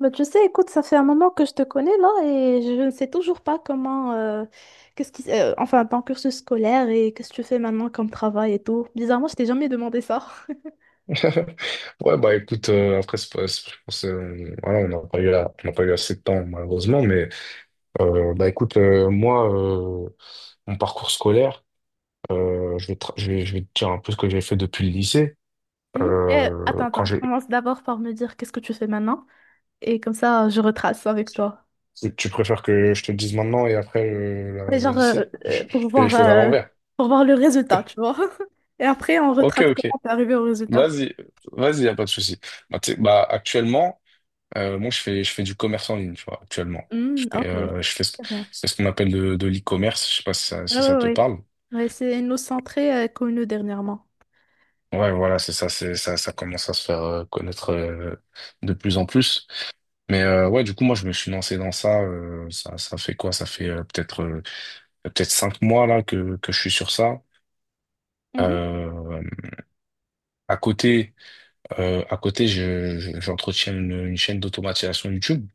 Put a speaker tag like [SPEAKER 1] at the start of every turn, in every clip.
[SPEAKER 1] Bah, tu sais, écoute, ça fait un moment que je te connais là et je ne sais toujours pas comment, qu'est-ce qui, enfin, ton cursus scolaire et qu'est-ce que tu fais maintenant comme travail et tout. Bizarrement, je t'ai jamais demandé ça.
[SPEAKER 2] Ouais, bah écoute, après, c'est pas- c'est- je pense, voilà, on n'a pas eu, on n'a pas eu assez de temps, malheureusement, mais bah écoute, mon parcours scolaire, je vais te dire un peu ce que j'ai fait depuis le lycée.
[SPEAKER 1] Mhm.
[SPEAKER 2] Euh,
[SPEAKER 1] Attends,
[SPEAKER 2] quand
[SPEAKER 1] attends,
[SPEAKER 2] j'ai,
[SPEAKER 1] commence d'abord par me dire qu'est-ce que tu fais maintenant et comme ça, je retrace avec toi.
[SPEAKER 2] Tu préfères que je te le dise maintenant et après
[SPEAKER 1] Mais
[SPEAKER 2] le
[SPEAKER 1] genre,
[SPEAKER 2] lycée? Je, je fais les choses à l'envers.
[SPEAKER 1] pour voir le résultat, tu vois. Et après, on
[SPEAKER 2] Ok,
[SPEAKER 1] retrace
[SPEAKER 2] ok.
[SPEAKER 1] comment t'es arrivé au résultat.
[SPEAKER 2] Vas-y, vas-y, y a pas de souci. Bah, tu sais, bah, actuellement. Je fais du commerce en ligne, tu vois, actuellement. Je
[SPEAKER 1] Hmm,
[SPEAKER 2] fais,
[SPEAKER 1] ok.
[SPEAKER 2] euh, je fais, ce-
[SPEAKER 1] Très bien.
[SPEAKER 2] c'est ce qu'on appelle de l'e-commerce. Je sais pas si ça,
[SPEAKER 1] Ouais,
[SPEAKER 2] si
[SPEAKER 1] ouais,
[SPEAKER 2] ça te
[SPEAKER 1] ouais.
[SPEAKER 2] parle.
[SPEAKER 1] Ouais, c'est une nous centrée connue dernièrement.
[SPEAKER 2] Ouais, voilà, c'est ça, ça commence à se faire connaître de plus en plus. Mais ouais, du coup, moi, je me suis lancé dans ça. Ça, ça fait quoi? Ça fait peut-être cinq mois là que je suis sur ça.
[SPEAKER 1] Mhm.
[SPEAKER 2] Euh, à côté, j'entretiens une chaîne d'automatisation YouTube.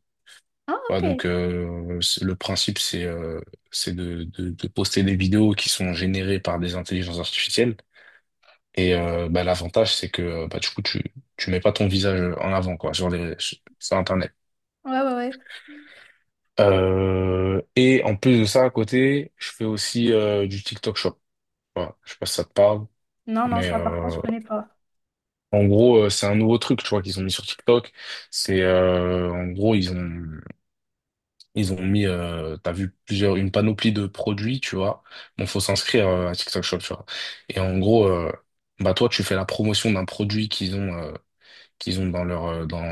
[SPEAKER 1] Ah,
[SPEAKER 2] Ouais,
[SPEAKER 1] ok.
[SPEAKER 2] donc
[SPEAKER 1] Ouais,
[SPEAKER 2] le principe c'est de poster des vidéos qui sont générées par des intelligences artificielles et bah, l'avantage c'est que bah, du coup tu mets pas ton visage en avant quoi sur les sur sur Internet.
[SPEAKER 1] ouais, ouais.
[SPEAKER 2] Et en plus de ça à côté je fais aussi du TikTok Shop. Voilà, je sais pas si ça te parle
[SPEAKER 1] Non, non,
[SPEAKER 2] mais
[SPEAKER 1] ça par contre, je connais pas.
[SPEAKER 2] en gros c'est un nouveau truc tu vois qu'ils ont mis sur TikTok. C'est En gros ils ont mis, une panoplie de produits, tu vois. Bon, faut s'inscrire à TikTok Shop, tu vois. Et en gros, bah toi, tu fais la promotion d'un produit qu'ils ont dans leur, euh, dans,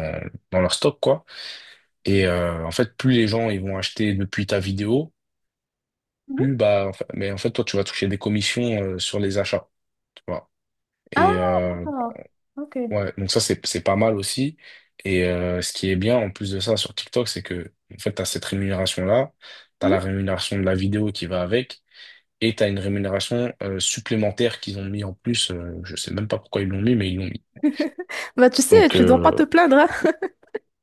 [SPEAKER 2] dans leur stock, quoi. En fait, plus les gens ils vont acheter depuis ta vidéo,
[SPEAKER 1] Mhm.
[SPEAKER 2] plus mais en fait, toi, tu vas toucher des commissions sur les achats, tu vois.
[SPEAKER 1] Ah,
[SPEAKER 2] Et euh,
[SPEAKER 1] d'accord. Ok.
[SPEAKER 2] ouais, donc ça, c'est pas mal aussi. Ce qui est bien en plus de ça sur TikTok, c'est que en fait, t'as cette rémunération-là, t'as la
[SPEAKER 1] Mhm.
[SPEAKER 2] rémunération de la vidéo qui va avec. Et tu as une rémunération supplémentaire qu'ils ont mis en plus. Je sais même pas pourquoi ils l'ont mis, mais ils l'ont mis.
[SPEAKER 1] Bah, tu sais,
[SPEAKER 2] Donc,
[SPEAKER 1] tu dois pas te plaindre, hein.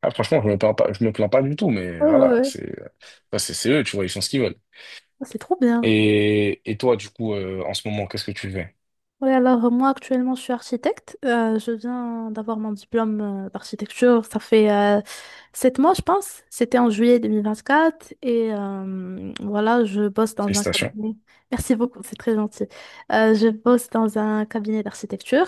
[SPEAKER 2] ah, franchement, je me plains pas, je me plains pas du tout, mais
[SPEAKER 1] Ouais,
[SPEAKER 2] voilà,
[SPEAKER 1] ouais, oui.
[SPEAKER 2] c'est ça, c'est eux, tu vois, ils font ce qu'ils veulent.
[SPEAKER 1] C'est trop bien.
[SPEAKER 2] Et toi, du coup, en ce moment, qu'est-ce que tu fais?
[SPEAKER 1] Oui, alors moi actuellement je suis architecte. Je viens d'avoir mon diplôme d'architecture. Ça fait 7 mois, je pense. C'était en juillet 2024. Et voilà, je bosse dans un
[SPEAKER 2] Félicitations.
[SPEAKER 1] cabinet. Merci beaucoup, c'est très gentil. Je bosse dans un cabinet d'architecture,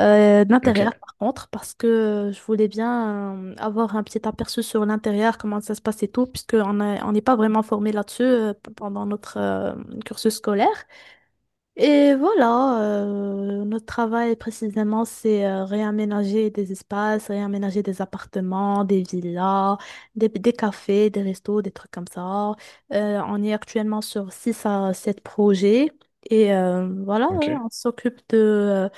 [SPEAKER 1] d'intérieur
[SPEAKER 2] Ok,
[SPEAKER 1] par contre, parce que je voulais bien avoir un petit aperçu sur l'intérieur, comment ça se passe et tout, puisque on n'est pas vraiment formé là-dessus pendant notre cursus scolaire. Et voilà, notre travail précisément, c'est réaménager des espaces, réaménager des appartements, des villas, des cafés, des restos, des trucs comme ça. On est actuellement sur 6 à 7 projets et voilà,
[SPEAKER 2] ok,
[SPEAKER 1] on s'occupe de,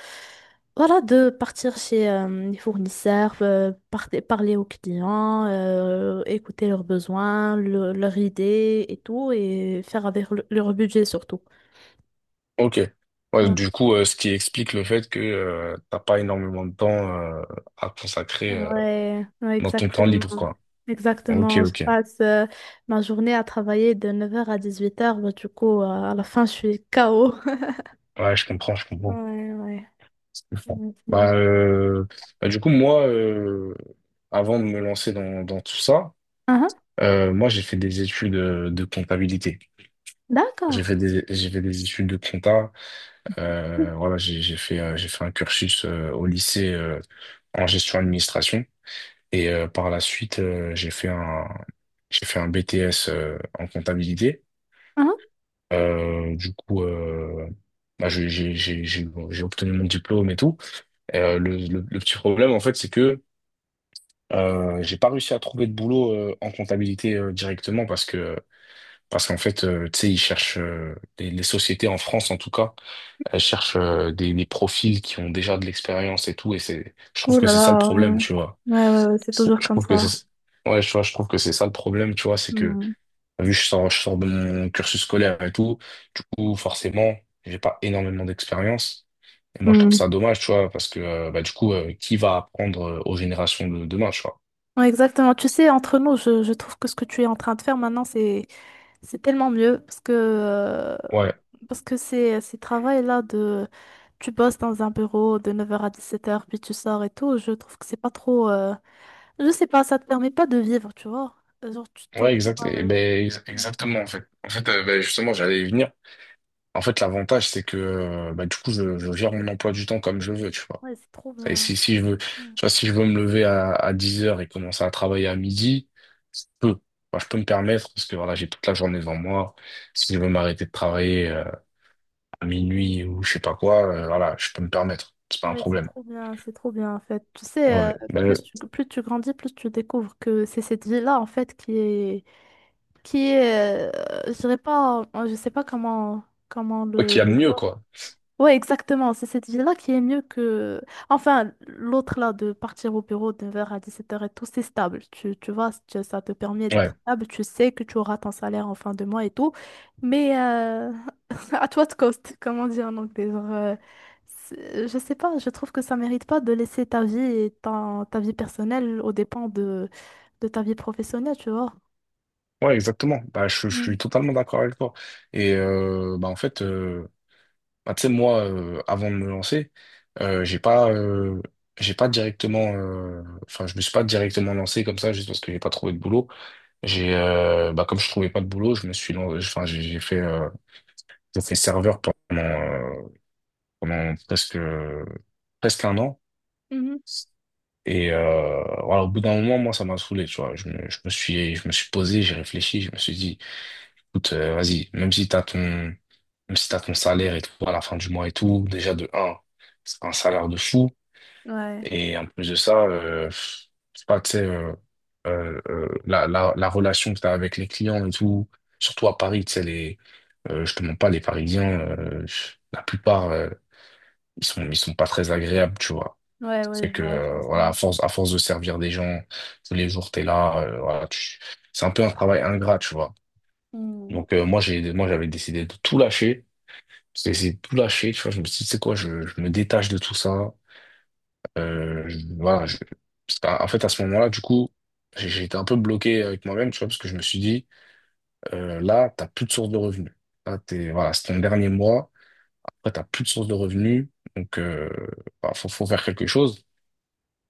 [SPEAKER 1] voilà, de partir chez les fournisseurs, parler aux clients, écouter leurs besoins, leurs idées et tout, et faire avec leur budget surtout.
[SPEAKER 2] ok. Ouais, du coup, ce qui explique le fait que t'as pas énormément de temps euh, à consacrer
[SPEAKER 1] Ouais, ouais,
[SPEAKER 2] dans ton temps
[SPEAKER 1] exactement.
[SPEAKER 2] libre, quoi. Ok,
[SPEAKER 1] Exactement. Je
[SPEAKER 2] ok.
[SPEAKER 1] passe ma journée à travailler de 9 h à 18 h. Bah, du coup, à la fin, je suis KO.
[SPEAKER 2] Ouais, je comprends, je comprends.
[SPEAKER 1] Ouais, ouais.
[SPEAKER 2] Je comprends.
[SPEAKER 1] Ouais, c'est-
[SPEAKER 2] Bah, bah, du coup, moi, avant de me lancer dans tout ça,
[SPEAKER 1] Ah, ah,
[SPEAKER 2] moi, j'ai fait des études de comptabilité. J'ai
[SPEAKER 1] d'accord.
[SPEAKER 2] fait des, j'ai fait des études de compta.
[SPEAKER 1] Ah,
[SPEAKER 2] Voilà, j'ai fait un cursus au lycée en gestion administration. Et par la suite, j'ai fait un BTS en comptabilité.
[SPEAKER 1] ah.
[SPEAKER 2] Du coup, bah, j'ai obtenu mon diplôme et tout. Le petit problème, en fait, c'est que j'ai pas réussi à trouver de boulot en comptabilité directement parce que parce qu'en fait tu sais ils cherchent les sociétés en France en tout cas elles cherchent des profils qui ont déjà de l'expérience et tout, et c'est, je trouve
[SPEAKER 1] Oh
[SPEAKER 2] que
[SPEAKER 1] là
[SPEAKER 2] c'est ça le
[SPEAKER 1] là,
[SPEAKER 2] problème, tu vois,
[SPEAKER 1] ouais, ouais, c'est toujours
[SPEAKER 2] je
[SPEAKER 1] comme
[SPEAKER 2] trouve que
[SPEAKER 1] ça.
[SPEAKER 2] c'est, ouais, tu vois, je trouve que c'est ça le problème, tu vois, c'est que
[SPEAKER 1] Hmm,
[SPEAKER 2] vu que je sors de mon cursus scolaire et tout, du coup forcément j'ai pas énormément d'expérience, et moi je trouve
[SPEAKER 1] hmm.
[SPEAKER 2] ça dommage, tu vois, parce que bah du coup qui va apprendre aux générations de demain, tu vois.
[SPEAKER 1] Ouais, exactement. Tu sais, entre nous, je trouve que ce que tu es en train de faire maintenant, c'est tellement mieux
[SPEAKER 2] Ouais.
[SPEAKER 1] parce que ces travails-là de tu bosses dans un bureau de 9 h à 17 h puis tu sors et tout, je trouve que c'est pas trop. Je sais pas, ça te permet pas de vivre, tu vois. Genre, tu te
[SPEAKER 2] Ouais,
[SPEAKER 1] retrouves...
[SPEAKER 2] exact. Et
[SPEAKER 1] euh,
[SPEAKER 2] ben,
[SPEAKER 1] Ouais,
[SPEAKER 2] exactement, en fait. En fait, ben, justement, j'allais y venir. En fait, l'avantage, c'est que ben, du coup, je gère mon emploi du temps comme je veux, tu vois.
[SPEAKER 1] ouais, c'est trop
[SPEAKER 2] Et
[SPEAKER 1] bien.
[SPEAKER 2] si je veux, tu
[SPEAKER 1] Ouais,
[SPEAKER 2] vois, si je veux me lever à 10 heures et commencer à travailler à midi, je peux. Enfin, je peux me permettre parce que voilà, j'ai toute la journée devant moi. Si je veux m'arrêter de travailler à minuit ou je sais pas quoi, voilà, je peux me permettre. C'est pas un
[SPEAKER 1] ouais,
[SPEAKER 2] problème.
[SPEAKER 1] c'est trop bien, en fait. Tu sais,
[SPEAKER 2] Ouais. Ben,
[SPEAKER 1] plus tu grandis, plus tu découvres que c'est cette vie-là, en fait, qui est... Qui est... je dirais pas. Je sais pas comment, comment
[SPEAKER 2] ok, il y a
[SPEAKER 1] le
[SPEAKER 2] mieux,
[SPEAKER 1] dire.
[SPEAKER 2] quoi.
[SPEAKER 1] Ouais, exactement. C'est cette vie-là qui est mieux que... Enfin, l'autre là, de partir au bureau de 9 h à 17 h et tout, c'est stable. Tu vois, ça te permet
[SPEAKER 2] Ouais.
[SPEAKER 1] d'être stable. Tu sais que tu auras ton salaire en fin de mois et tout. Mais à toi de cost, comme on dit en anglais. Genre, je sais pas, je trouve que ça mérite pas de laisser ta vie et ta vie personnelle aux dépens de ta vie professionnelle, tu vois.
[SPEAKER 2] Ouais, exactement. Bah, je
[SPEAKER 1] Mm.
[SPEAKER 2] suis totalement d'accord avec toi. Et bah, en fait, bah, tu sais, moi, avant de me lancer, euh, j'ai pas, euh, j'ai pas directement, enfin, je me suis pas directement lancé comme ça juste parce que j'ai pas trouvé de boulot. Bah, comme je trouvais pas de boulot, je me suis, lan- enfin, j'ai fait serveur pendant, euh, presque, presque un an.
[SPEAKER 1] Mhm.
[SPEAKER 2] Et voilà, au bout d'un moment, moi, ça m'a saoulé, tu vois. Je me suis posé, j'ai réfléchi, je me suis dit, écoute, vas-y, même si même si t'as ton salaire et tout à la fin du mois et tout, déjà de un, c'est pas un salaire de fou.
[SPEAKER 1] Ouais,
[SPEAKER 2] Et en plus de ça, je sais pas, tu sais, la relation que tu as avec les clients et tout, surtout à Paris, tu sais, je te mens pas, les Parisiens, la plupart, ils sont pas très agréables, tu vois.
[SPEAKER 1] ouais, ouais,
[SPEAKER 2] C'est que,
[SPEAKER 1] je vois
[SPEAKER 2] voilà,
[SPEAKER 1] ça.
[SPEAKER 2] à force de servir des gens, tous les jours, t'es là, voilà, c'est un peu un travail ingrat, tu vois.
[SPEAKER 1] Mm.
[SPEAKER 2] Donc, moi, j'avais décidé de tout lâcher. J'ai essayé de tout lâcher, tu vois. Je me suis dit, c'est quoi, je me détache de tout ça. Voilà, en fait, à ce moment-là, du coup, j'ai été un peu bloqué avec moi-même, tu vois, parce que je me suis dit, là, t'as plus de source de revenus. Là, t'es, voilà, c'est ton dernier mois. Après, t'as plus de source de revenus. Donc, bah, faut faire quelque chose.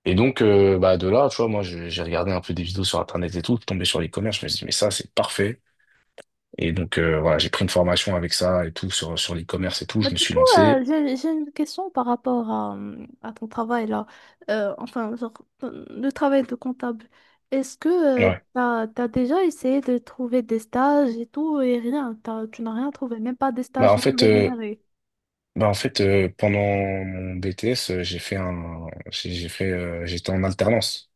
[SPEAKER 2] Et donc, bah, de là, tu vois, moi, j'ai regardé un peu des vidéos sur Internet et tout, tombé sur l'e-commerce. Je me suis dit, mais ça, c'est parfait. Et donc, voilà, j'ai pris une formation avec ça et tout, sur
[SPEAKER 1] Oui.
[SPEAKER 2] l'e-commerce et tout.
[SPEAKER 1] Bah,
[SPEAKER 2] Je me
[SPEAKER 1] du
[SPEAKER 2] suis
[SPEAKER 1] coup,
[SPEAKER 2] lancé.
[SPEAKER 1] j'ai une question par rapport à ton travail là. Enfin, genre, le travail de comptable. Est-ce que
[SPEAKER 2] Ouais.
[SPEAKER 1] t'as déjà essayé de trouver des stages et tout et rien? Tu n'as rien trouvé, même pas des
[SPEAKER 2] Bah,
[SPEAKER 1] stages
[SPEAKER 2] en
[SPEAKER 1] non
[SPEAKER 2] fait,
[SPEAKER 1] rémunérés.
[SPEAKER 2] Pendant mon BTS, j'ai fait un, j'ai fait, j'étais en alternance.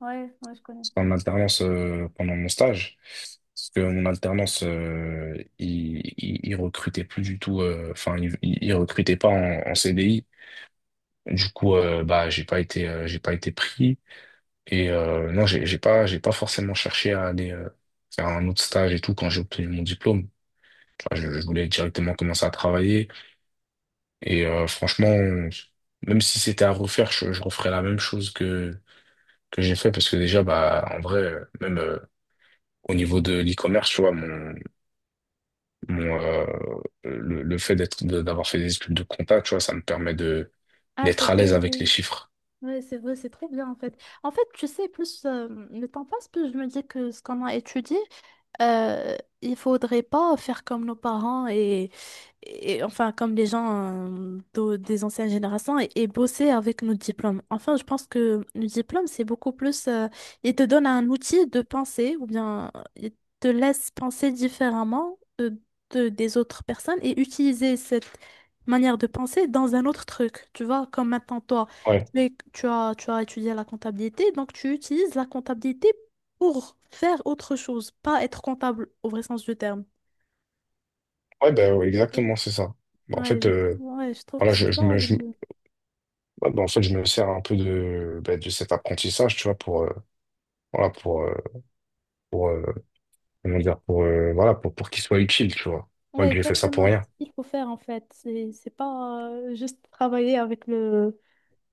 [SPEAKER 1] Ouais, ouais, je connais
[SPEAKER 2] J'étais
[SPEAKER 1] ça.
[SPEAKER 2] en alternance pendant mon stage, parce que mon alternance, il recrutait plus du tout. Enfin, il recrutait pas en CDI. Du coup, bah j'ai pas été pris. Et non, j'ai pas forcément cherché à aller faire un autre stage et tout quand j'ai obtenu mon diplôme. Enfin, je voulais directement commencer à travailler. Et franchement, même si c'était à refaire, je referais la même chose que j'ai fait parce que déjà, bah, en vrai, même au niveau de l'e-commerce, tu vois, mon le fait d'être d'avoir fait des études de compta, tu vois, ça me permet de
[SPEAKER 1] Ah, c'est
[SPEAKER 2] d'être à
[SPEAKER 1] vrai,
[SPEAKER 2] l'aise avec les
[SPEAKER 1] oui.
[SPEAKER 2] chiffres.
[SPEAKER 1] Oui, c'est vrai, c'est trop bien en fait. En fait, tu sais, plus le temps passe, plus je me dis que ce qu'on a étudié, euh, il faudrait pas faire comme nos parents et enfin comme les gens des anciennes générations et bosser avec nos diplômes. Enfin, je pense que nos diplômes, c'est beaucoup plus... ils te donnent un outil de penser ou bien ils te laissent penser différemment de, des autres personnes et utiliser cette manière de penser dans un autre truc. Tu vois, comme maintenant toi,
[SPEAKER 2] Ouais,
[SPEAKER 1] tu as étudié la comptabilité, donc tu utilises la comptabilité pour faire autre chose, pas être comptable au vrai sens du terme.
[SPEAKER 2] ouais, bah, ouais, exactement, c'est ça. Bah, en fait,
[SPEAKER 1] Ouais, je trouve que
[SPEAKER 2] voilà,
[SPEAKER 1] c'est ça.
[SPEAKER 2] ouais, bah, en fait, je me sers un peu de de cet apprentissage, tu vois, pour voilà, pour comment dire, pour voilà, pour qu'il soit utile, tu vois. Pas
[SPEAKER 1] Ouais,
[SPEAKER 2] que j'ai fait ça pour
[SPEAKER 1] exactement.
[SPEAKER 2] rien.
[SPEAKER 1] C'est ce qu'il faut faire en fait. C'est pas juste travailler avec le,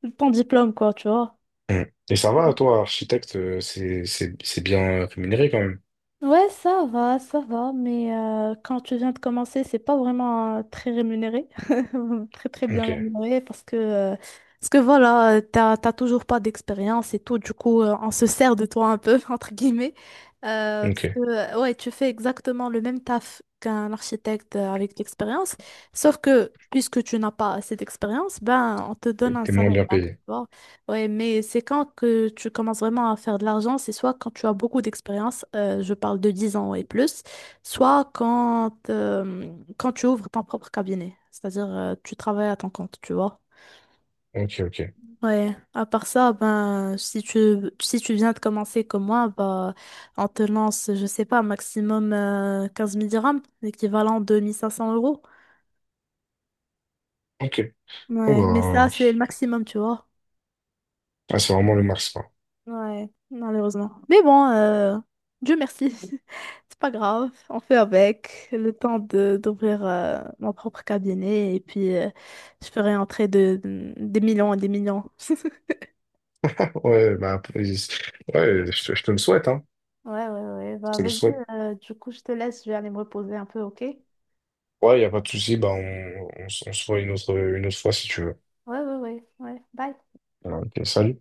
[SPEAKER 1] le- ton diplôme, quoi, tu vois.
[SPEAKER 2] Mm. Et ça va, toi, architecte, c'est bien rémunéré quand même.
[SPEAKER 1] Ouais, ça va, mais quand tu viens de commencer, c'est pas vraiment très rémunéré, très très bien
[SPEAKER 2] Ok,
[SPEAKER 1] rémunéré, parce que voilà, t'as toujours pas d'expérience et tout, du coup, on se sert de toi un peu, entre guillemets, parce que,
[SPEAKER 2] ok.
[SPEAKER 1] ouais, tu fais exactement le même taf qu'un architecte avec de l'expérience, sauf que, puisque tu n'as pas assez d'expérience, ben, on te
[SPEAKER 2] T'es
[SPEAKER 1] donne un
[SPEAKER 2] t'es moins
[SPEAKER 1] salaire
[SPEAKER 2] bien payé.
[SPEAKER 1] bas. Ouais, mais c'est quand que tu commences vraiment à faire de l'argent, c'est soit quand tu as beaucoup d'expérience, je parle de 10 ans et plus, soit quand, quand tu ouvres ton propre cabinet, c'est-à-dire tu travailles à ton compte, tu vois.
[SPEAKER 2] Ok, ok.
[SPEAKER 1] Ouais, à part ça, ben, si tu viens de commencer comme moi, bah, on te lance, je sais pas, maximum 15 000 dirhams, l'équivalent de 1 500 euros.
[SPEAKER 2] Ok. Bon,
[SPEAKER 1] Ouais, mais ça,
[SPEAKER 2] bah,
[SPEAKER 1] c'est le maximum, tu vois.
[SPEAKER 2] ah, c'est vraiment le max, quoi.
[SPEAKER 1] Ouais, malheureusement. Mais bon, Dieu merci. C'est pas grave, on fait avec. Le temps de d'ouvrir mon propre cabinet et puis je ferai entrer de, des millions et des millions.
[SPEAKER 2] Ouais, bah, après, ouais, je te le souhaite, hein.
[SPEAKER 1] Ouais, ouais, ouais.
[SPEAKER 2] Je
[SPEAKER 1] Bah,
[SPEAKER 2] te le
[SPEAKER 1] vas-y,
[SPEAKER 2] souhaite.
[SPEAKER 1] du coup, je te laisse, je vais aller me reposer un peu, ok? Ouais,
[SPEAKER 2] Ouais, y a pas de souci, bah, on se voit une autre fois si tu veux.
[SPEAKER 1] ouais, ouais, ouais. Bye.
[SPEAKER 2] Ouais, Ok, salut.